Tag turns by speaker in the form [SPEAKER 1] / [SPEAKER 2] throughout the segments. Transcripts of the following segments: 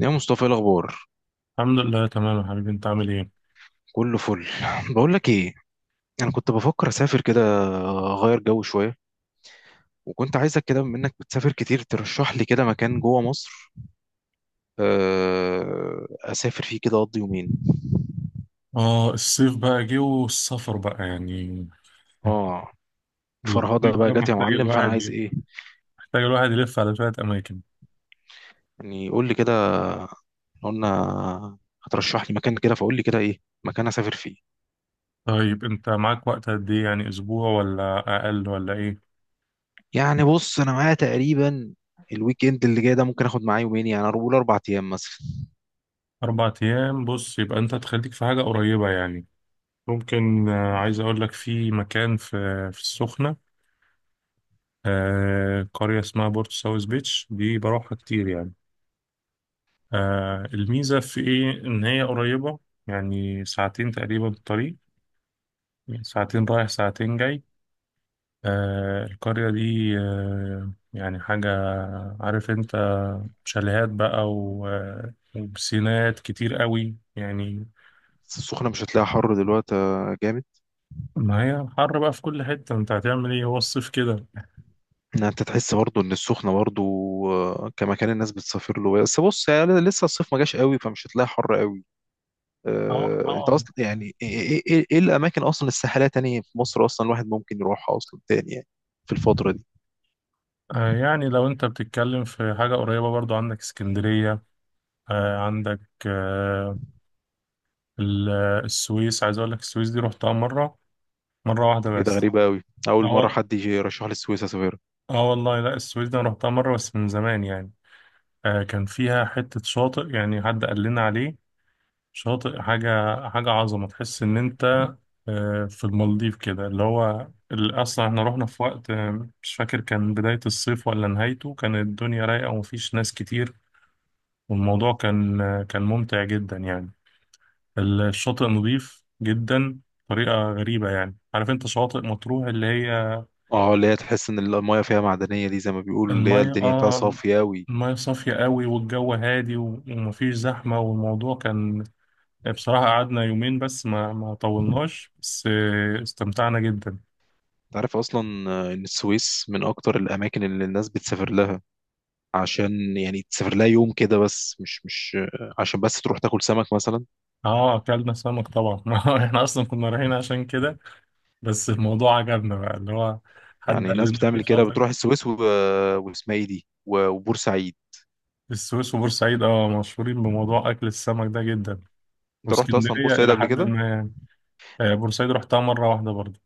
[SPEAKER 1] يا مصطفى، إيه الاخبار؟
[SPEAKER 2] الحمد لله تمام يا حبيبي، انت عامل ايه؟
[SPEAKER 1] كله فل. بقول لك ايه، انا كنت بفكر اسافر كده، اغير جو شويه، وكنت عايزك كده بما انك بتسافر كتير ترشح لي كده مكان جوه مصر. اسافر فيه كده اقضي يومين.
[SPEAKER 2] اه الصيف بقى جه والسفر بقى يعني.
[SPEAKER 1] اه،
[SPEAKER 2] الصيف
[SPEAKER 1] فرهضه بقى
[SPEAKER 2] ده
[SPEAKER 1] جت يا
[SPEAKER 2] محتاج
[SPEAKER 1] معلم، فانا عايز
[SPEAKER 2] الواحد
[SPEAKER 1] ايه
[SPEAKER 2] محتاج الواحد يلف على شوية أماكن.
[SPEAKER 1] يعني؟ قول لي كده. قلنا هترشح لي مكان كده، فقول لي كده ايه مكان اسافر فيه.
[SPEAKER 2] طيب انت معاك وقت قد ايه؟ يعني أسبوع ولا أقل ولا ايه؟
[SPEAKER 1] يعني بص، انا معايا تقريبا الويك اند اللي جاي ده، ممكن اخد معايا يومين، يعني اقول اربع ايام مثلا.
[SPEAKER 2] 4 أيام. بص، يبقى انت تخليك في حاجة قريبة يعني، ممكن. عايز أقول لك في مكان في السخنة. قرية اسمها بورتو ساوث بيتش، دي بروحها كتير يعني. الميزة في ايه؟ إن هي قريبة، يعني ساعتين تقريبا الطريق، ساعتين رايح ساعتين جاي. القرية دي يعني حاجة، عارف انت، شاليهات بقى وبسينات كتير قوي يعني.
[SPEAKER 1] بس السخنه مش هتلاقيها حر دلوقتي، جامد.
[SPEAKER 2] ما هي حر بقى في كل حتة، انت هتعمل ايه؟ هو الصيف كده.
[SPEAKER 1] إن انت تحس برضو ان السخنه برضو كمكان الناس بتسافر له، بس بص يعني لسه الصيف ما جاش قوي، فمش هتلاقي حر قوي.
[SPEAKER 2] اه
[SPEAKER 1] انت
[SPEAKER 2] اه.
[SPEAKER 1] اصلا يعني ايه، إيه الاماكن اصلا الساحليه تاني في مصر اصلا الواحد ممكن يروحها اصلا تاني يعني، في الفتره دي.
[SPEAKER 2] يعني لو انت بتتكلم في حاجة قريبة برضو عندك اسكندرية، عندك آه، السويس، عايز اقول لك السويس دي رحتها مرة، مرة واحدة
[SPEAKER 1] ايه ده؟
[SPEAKER 2] بس.
[SPEAKER 1] غريبه قوي، اول
[SPEAKER 2] اه
[SPEAKER 1] مره
[SPEAKER 2] وال-
[SPEAKER 1] حد يجي يرشح لي السويس اسافر.
[SPEAKER 2] اه والله لا، السويس دي انا رحتها مرة بس من زمان يعني. كان فيها حتة شاطئ، يعني حد قال لنا عليه، شاطئ حاجة، حاجة عظمة، تحس إن أنت في المالديف كده اللي هو أصلا إحنا رحنا في وقت، مش فاكر كان بداية الصيف ولا نهايته، كان الدنيا رايقة ومفيش ناس كتير. والموضوع كان كان ممتع جدا يعني. الشاطئ نظيف جدا بطريقة غريبة، يعني عارف أنت شواطئ مطروح اللي هي
[SPEAKER 1] اه، اللي هي تحس ان المايه فيها معدنيه دي، زي ما بيقولوا اللي هي
[SPEAKER 2] المية
[SPEAKER 1] الدنيا فيها صافيه قوي.
[SPEAKER 2] المية صافية قوي، والجو هادي و- ومفيش زحمة، والموضوع كان بصراحة قعدنا يومين بس، ما طولناش، بس استمتعنا جدا.
[SPEAKER 1] انت عارف اصلا ان السويس من اكتر الاماكن اللي الناس بتسافر لها، عشان يعني تسافر لها يوم كده بس، مش عشان بس تروح تاكل سمك مثلا.
[SPEAKER 2] اه اكلنا سمك طبعا ما هو احنا اصلا كنا رايحين عشان كده. بس الموضوع عجبنا بقى، اللي هو حد
[SPEAKER 1] يعني
[SPEAKER 2] قال
[SPEAKER 1] الناس
[SPEAKER 2] لنا في
[SPEAKER 1] بتعمل كده،
[SPEAKER 2] شاطئ.
[SPEAKER 1] بتروح السويس و- واسمها ايه دي و- وبورسعيد.
[SPEAKER 2] السويس وبورسعيد اه مشهورين بموضوع اكل السمك ده جدا،
[SPEAKER 1] انت رحت اصلا
[SPEAKER 2] واسكندرية
[SPEAKER 1] بورسعيد
[SPEAKER 2] الى
[SPEAKER 1] قبل
[SPEAKER 2] حد
[SPEAKER 1] كده؟
[SPEAKER 2] ما يعني. بورسعيد رحتها مرة واحدة برضه،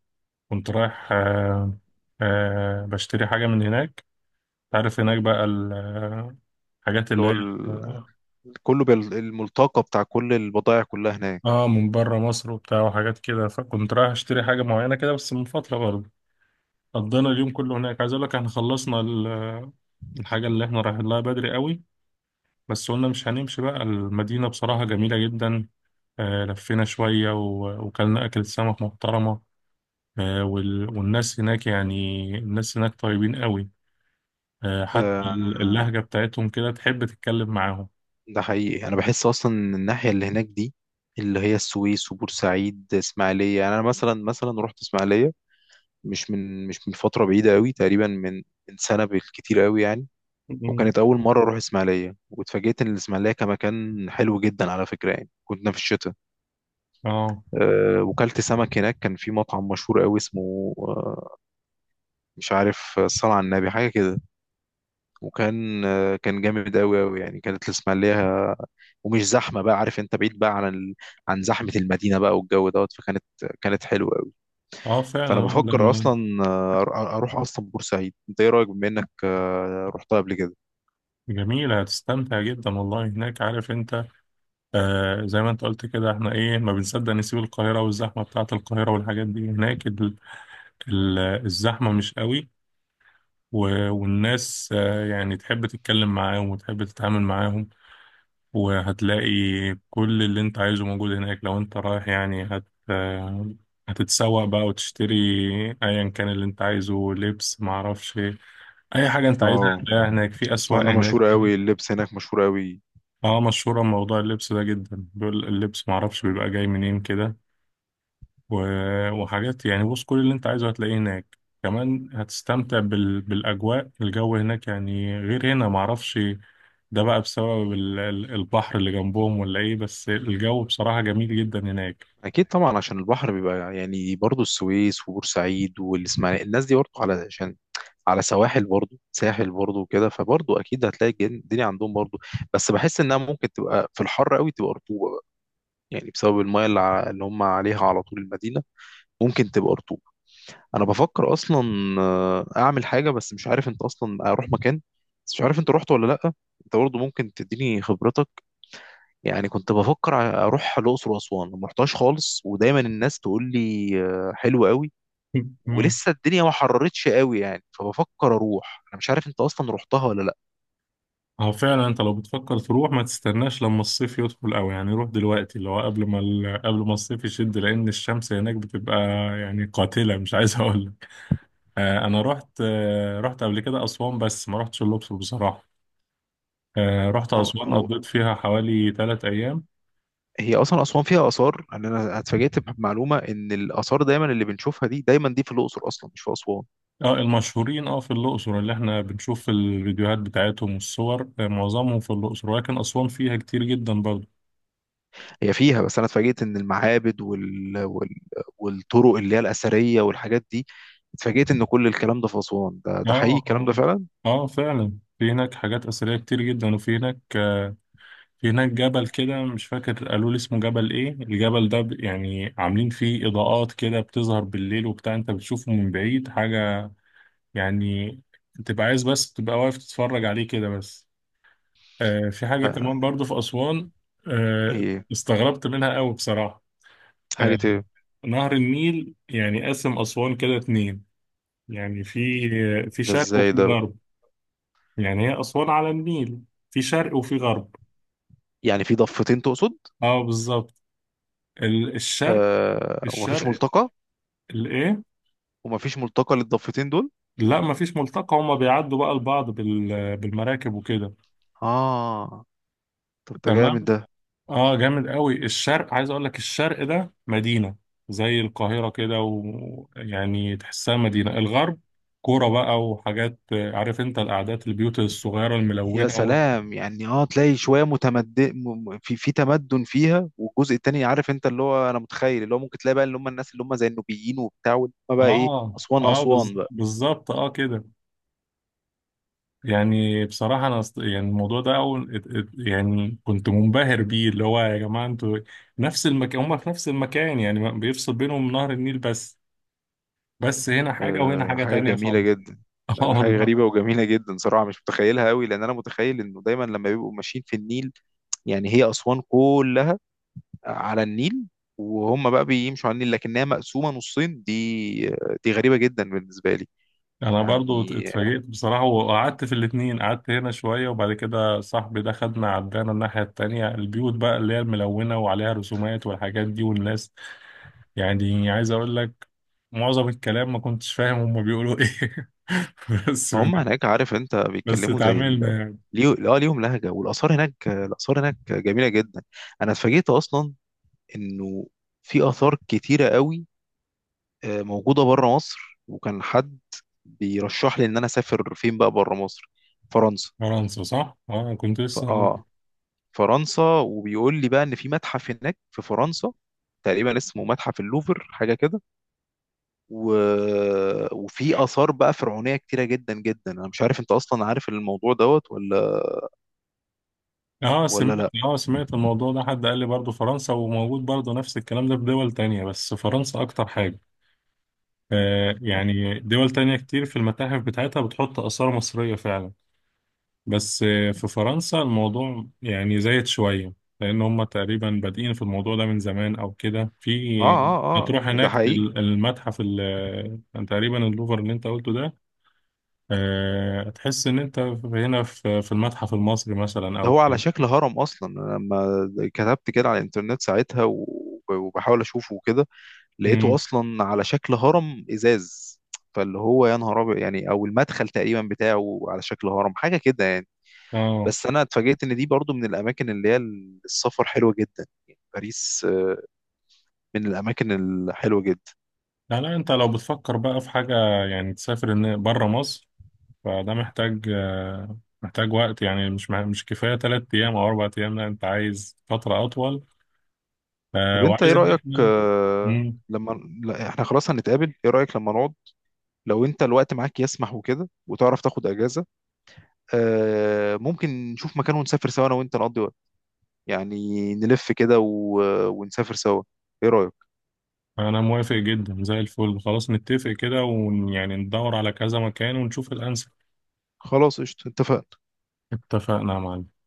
[SPEAKER 2] كنت رايح بشتري حاجة من هناك. تعرف هناك بقى الحاجات
[SPEAKER 1] اللي
[SPEAKER 2] اللي
[SPEAKER 1] هو
[SPEAKER 2] هي
[SPEAKER 1] ال- كله بال- الملتقى بتاع كل البضائع كلها هناك.
[SPEAKER 2] اه من بره مصر وبتاع وحاجات كده، فكنت رايح اشتري حاجه معينه كده بس من فتره برضه. قضينا اليوم كله هناك، عايز اقول لك احنا خلصنا الحاجه اللي احنا رايحين لها بدري قوي، بس قلنا مش هنمشي بقى. المدينه بصراحه جميله جدا، آه لفينا شويه و- وكلنا اكلة سمك محترمه. آه وال- والناس هناك يعني، الناس هناك طيبين قوي، آه حتى
[SPEAKER 1] آه،
[SPEAKER 2] اللهجه بتاعتهم كده تحب تتكلم معاهم.
[SPEAKER 1] ده حقيقي، انا بحس اصلا إن الناحيه اللي هناك دي، اللي هي السويس وبورسعيد اسماعيليه، يعني انا مثلا رحت اسماعيليه مش من فتره بعيده قوي، تقريبا من سنه بالكتير قوي يعني.
[SPEAKER 2] مم.
[SPEAKER 1] وكانت أول مرة أروح إسماعيلية، واتفاجئت إن الإسماعيلية كمكان حلو جدا على فكرة، يعني كنا في الشتاء.
[SPEAKER 2] اه
[SPEAKER 1] وكلت سمك هناك، كان في مطعم مشهور أوي اسمه مش عارف، الصلاة على النبي حاجة كده. وكان أه كان جامد أوي أوي يعني، كانت الإسماعيلية ومش زحمة بقى، عارف أنت بعيد بقى عن زحمة المدينة بقى، والجو دوت، فكانت حلوة أوي.
[SPEAKER 2] اه، فعلا
[SPEAKER 1] فأنا
[SPEAKER 2] الواحد
[SPEAKER 1] بفكر
[SPEAKER 2] لما.
[SPEAKER 1] أصلا أروح أصلا بورسعيد. أنت إيه رأيك، بما إنك رحتها قبل كده؟
[SPEAKER 2] جميلة، هتستمتع جدا والله هناك، عارف انت. آه زي ما انت قلت كده، احنا ايه، ما بنصدق نسيب القاهرة والزحمة بتاعة القاهرة والحاجات دي. هناك ال الزحمة مش قوي، و- والناس يعني تحب تتكلم معاهم وتحب تتعامل معاهم. وهتلاقي كل اللي انت عايزه موجود هناك، لو انت رايح يعني هت آه هتتسوق بقى وتشتري ايا كان اللي انت عايزه، لبس معرفش ايه. اي حاجة انت عايزها
[SPEAKER 1] اه
[SPEAKER 2] هتلاقيها هناك، في
[SPEAKER 1] اسمع،
[SPEAKER 2] اسواق
[SPEAKER 1] انها
[SPEAKER 2] هناك
[SPEAKER 1] مشهورة
[SPEAKER 2] كده.
[SPEAKER 1] قوي، اللبس هناك مشهور قوي.
[SPEAKER 2] اه مشهورة موضوع اللبس ده جدا، بيقول اللبس معرفش بيبقى جاي منين كده، و- وحاجات يعني. بص، كل اللي انت عايزه هتلاقيه هناك، كمان هتستمتع بالأجواء. الجو هناك يعني غير هنا معرفش، ده بقى بسبب البحر اللي جنبهم ولا ايه، بس الجو بصراحة جميل جدا هناك.
[SPEAKER 1] اكيد طبعا، عشان البحر بيبقى يعني برضه السويس وبورسعيد والاسماعيليه، الناس دي برضه على عشان على سواحل برضه ساحل برضه وكده، فبرضه اكيد هتلاقي الدنيا عندهم برضه. بس بحس انها ممكن تبقى في الحر قوي تبقى رطوبه بقى، يعني بسبب المايه اللي هم عليها على طول المدينه، ممكن تبقى رطوبه. انا بفكر اصلا اعمل حاجه، بس مش عارف انت اصلا اروح مكان، بس مش عارف انت رحت ولا لا. انت برضه ممكن تديني خبرتك. يعني كنت بفكر اروح الاقصر واسوان، ما رحتهاش خالص، ودايما الناس تقول لي حلو قوي،
[SPEAKER 2] مم.
[SPEAKER 1] ولسه الدنيا ما حررتش قوي يعني، فبفكر اروح. انا مش عارف انت اصلا رحتها ولا لا.
[SPEAKER 2] هو فعلا انت لو بتفكر تروح ما تستناش لما الصيف يدخل قوي، يعني روح دلوقتي اللي هو قبل ما الصيف يشد، لان الشمس هناك بتبقى يعني قاتلة، مش عايز اقول لك. انا رحت قبل كده اسوان، بس ما رحتش الاقصر بصراحة. رحت
[SPEAKER 1] هو
[SPEAKER 2] أسوان،
[SPEAKER 1] هو
[SPEAKER 2] قضيت فيها حوالي 3 أيام.
[SPEAKER 1] هي اصلا اسوان فيها اثار، يعني انا اتفاجئت بمعلومه ان الاثار دايما اللي بنشوفها دي دايما دي في الاقصر اصلا مش في اسوان.
[SPEAKER 2] اه المشهورين، اه في الأقصر اللي احنا بنشوف في الفيديوهات بتاعتهم والصور، معظمهم في الأقصر، ولكن أسوان فيها كتير جدا برضه.
[SPEAKER 1] هي فيها، بس انا اتفاجئت ان المعابد والطرق اللي هي الاثريه والحاجات دي، اتفاجئت ان كل الكلام ده في اسوان، ده حقيقي
[SPEAKER 2] اه
[SPEAKER 1] الكلام ده
[SPEAKER 2] اه.
[SPEAKER 1] فعلا.
[SPEAKER 2] اه فعلا في هناك حاجات أثرية كتير جدا، وفي هناك آه، في هناك جبل كده، مش فاكر قالوا لي اسمه جبل ايه. الجبل ده يعني عاملين فيه إضاءات كده بتظهر بالليل وبتاع، انت بتشوفه من بعيد حاجة يعني، تبقى عايز بس تبقى واقف تتفرج عليه كده بس. في حاجة
[SPEAKER 1] ده
[SPEAKER 2] كمان برضو في أسوان، آه،
[SPEAKER 1] ايه؟
[SPEAKER 2] استغربت منها قوي بصراحة. آه،
[SPEAKER 1] حاجه ايه؟
[SPEAKER 2] نهر النيل يعني قسم أسوان كده اتنين، يعني في
[SPEAKER 1] ده
[SPEAKER 2] شرق
[SPEAKER 1] ازاي
[SPEAKER 2] وفي
[SPEAKER 1] ده؟
[SPEAKER 2] غرب. يعني هي أسوان على النيل، في شرق وفي غرب.
[SPEAKER 1] يعني في ضفتين تقصد؟
[SPEAKER 2] اه بالظبط، الشرق.
[SPEAKER 1] آه، ومفيش
[SPEAKER 2] الشرق
[SPEAKER 1] ملتقى؟
[SPEAKER 2] الايه
[SPEAKER 1] ومفيش ملتقى للضفتين دول؟
[SPEAKER 2] لا مفيش ملتقى، هما بيعدوا بقى لبعض بال- بالمراكب وكده.
[SPEAKER 1] اه. طب ده
[SPEAKER 2] تمام.
[SPEAKER 1] جامد ده.
[SPEAKER 2] اه جامد قوي، الشرق عايز اقول لك الشرق ده مدينة زي القاهرة كده، ويعني تحسها مدينة. الغرب كورة بقى وحاجات، عارف انت القعدات، البيوت الصغيرة
[SPEAKER 1] يا
[SPEAKER 2] الملونة و...
[SPEAKER 1] سلام، يعني اه تلاقي شويه متمدن، في تمدن فيها، والجزء التاني عارف انت اللي هو، انا متخيل اللي هو ممكن تلاقي بقى اللي هم الناس اللي هم زي النوبيين وبتاع، واللي هم بقى ايه،
[SPEAKER 2] اه
[SPEAKER 1] اسوان
[SPEAKER 2] اه،
[SPEAKER 1] اسوان بقى.
[SPEAKER 2] بالظبط، اه كده. يعني بصراحة انا يعني الموضوع ده اول يعني كنت منبهر بيه، اللي هو يا جماعة انتوا نفس المكان، هما في نفس المكان يعني بيفصل بينهم نهر النيل بس، بس هنا حاجة وهنا
[SPEAKER 1] آه
[SPEAKER 2] حاجة
[SPEAKER 1] حاجه
[SPEAKER 2] تانية
[SPEAKER 1] جميله
[SPEAKER 2] خالص.
[SPEAKER 1] جدا. لا، دي
[SPEAKER 2] اه
[SPEAKER 1] حاجه
[SPEAKER 2] والله.
[SPEAKER 1] غريبه وجميله جدا صراحه، مش متخيلها قوي، لان انا متخيل انه دايما لما بيبقوا ماشيين في النيل، يعني هي اسوان كل على النيل، وهم بقى بيمشوا على النيل لكنها مقسومة نصين دي، دي غريبة جدا بالنسبة لي.
[SPEAKER 2] انا برضو
[SPEAKER 1] يعني
[SPEAKER 2] اتفاجئت بصراحة، وقعدت في الاتنين، قعدت هنا شوية وبعد كده صاحبي ده خدنا عدانا الناحية التانية، البيوت بقى اللي هي الملونة وعليها رسومات والحاجات دي والناس، يعني عايز اقول لك معظم الكلام ما كنتش فاهم هما بيقولوا ايه. بس
[SPEAKER 1] ما هم هناك عارف انت
[SPEAKER 2] بس
[SPEAKER 1] بيتكلموا
[SPEAKER 2] اتعاملنا يعني.
[SPEAKER 1] اه ليهم لهجة، والآثار هناك الآثار هناك جميلة جدا. انا اتفاجئت اصلا انه في آثار كتيرة قوي موجودة بره مصر، وكان حد بيرشح لي ان انا اسافر فين بقى بره مصر، فرنسا.
[SPEAKER 2] فرنسا صح؟ اه كنت
[SPEAKER 1] ف...
[SPEAKER 2] لسه هقول لك.
[SPEAKER 1] اه فرنسا، وبيقول لي بقى ان في متحف هناك في فرنسا تقريبا اسمه متحف اللوفر حاجة كده، و... وفي آثار بقى فرعونية كتيرة جدا جدا. أنا مش عارف أنت أصلا عارف الموضوع دوت ولا
[SPEAKER 2] اه
[SPEAKER 1] ولا
[SPEAKER 2] سمعت
[SPEAKER 1] لأ.
[SPEAKER 2] اه سمعت الموضوع ده، حد قال لي برضو فرنسا، وموجود برضو نفس الكلام ده في دول تانية، بس فرنسا اكتر حاجة. يعني دول تانية كتير في المتاحف بتاعتها بتحط آثار مصرية فعلا، بس في فرنسا الموضوع يعني زايد شوية، لأن هم تقريبا بادئين في الموضوع ده من زمان أو كده.
[SPEAKER 1] آه
[SPEAKER 2] في
[SPEAKER 1] آه آه،
[SPEAKER 2] هتروح
[SPEAKER 1] ده
[SPEAKER 2] هناك
[SPEAKER 1] حقيقي.
[SPEAKER 2] المتحف تقريبا اللوفر اللي أنت قلته ده. هتحس إن أنت هنا في المتحف المصري مثلا
[SPEAKER 1] ده
[SPEAKER 2] أو
[SPEAKER 1] هو على
[SPEAKER 2] كده.
[SPEAKER 1] شكل هرم أصلا. أنا لما كتبت كده على الإنترنت ساعتها و... وبحاول أشوفه وكده، لقيته
[SPEAKER 2] أمم.
[SPEAKER 1] أصلا على شكل هرم إزاز، فاللي هو يا نهار أبيض يعني. أو المدخل تقريبا بتاعه على شكل هرم حاجة كده يعني.
[SPEAKER 2] آه
[SPEAKER 1] بس أنا اتفاجئت إن دي برضو من الأماكن اللي هي السفر حلوة جدا، يعني باريس من الأماكن الحلوة جدا.
[SPEAKER 2] لا لا، أنت لو بتفكر بقى في حاجة، يعني تسافر بره مصر، فده محتاج وقت، يعني مش كفاية 3 أيام أو 4 أيام، لا أنت عايز فترة أطول.
[SPEAKER 1] طب انت ايه
[SPEAKER 2] وعايز إن
[SPEAKER 1] رأيك
[SPEAKER 2] إحنا.
[SPEAKER 1] آه،
[SPEAKER 2] مم.
[SPEAKER 1] لما لا، احنا خلاص هنتقابل، ايه رأيك لما نقعد، لو انت الوقت معاك يسمح وكده وتعرف تاخد اجازة، ممكن نشوف مكان ونسافر سوا انا وانت، نقضي وقت يعني، نلف كده و... ونسافر سوا. ايه رأيك؟
[SPEAKER 2] أنا موافق جدا زي الفل، خلاص نتفق كده ويعني ندور على كذا مكان ونشوف الأنسب.
[SPEAKER 1] خلاص قشطة، اتفقنا.
[SPEAKER 2] اتفقنا يا معلم.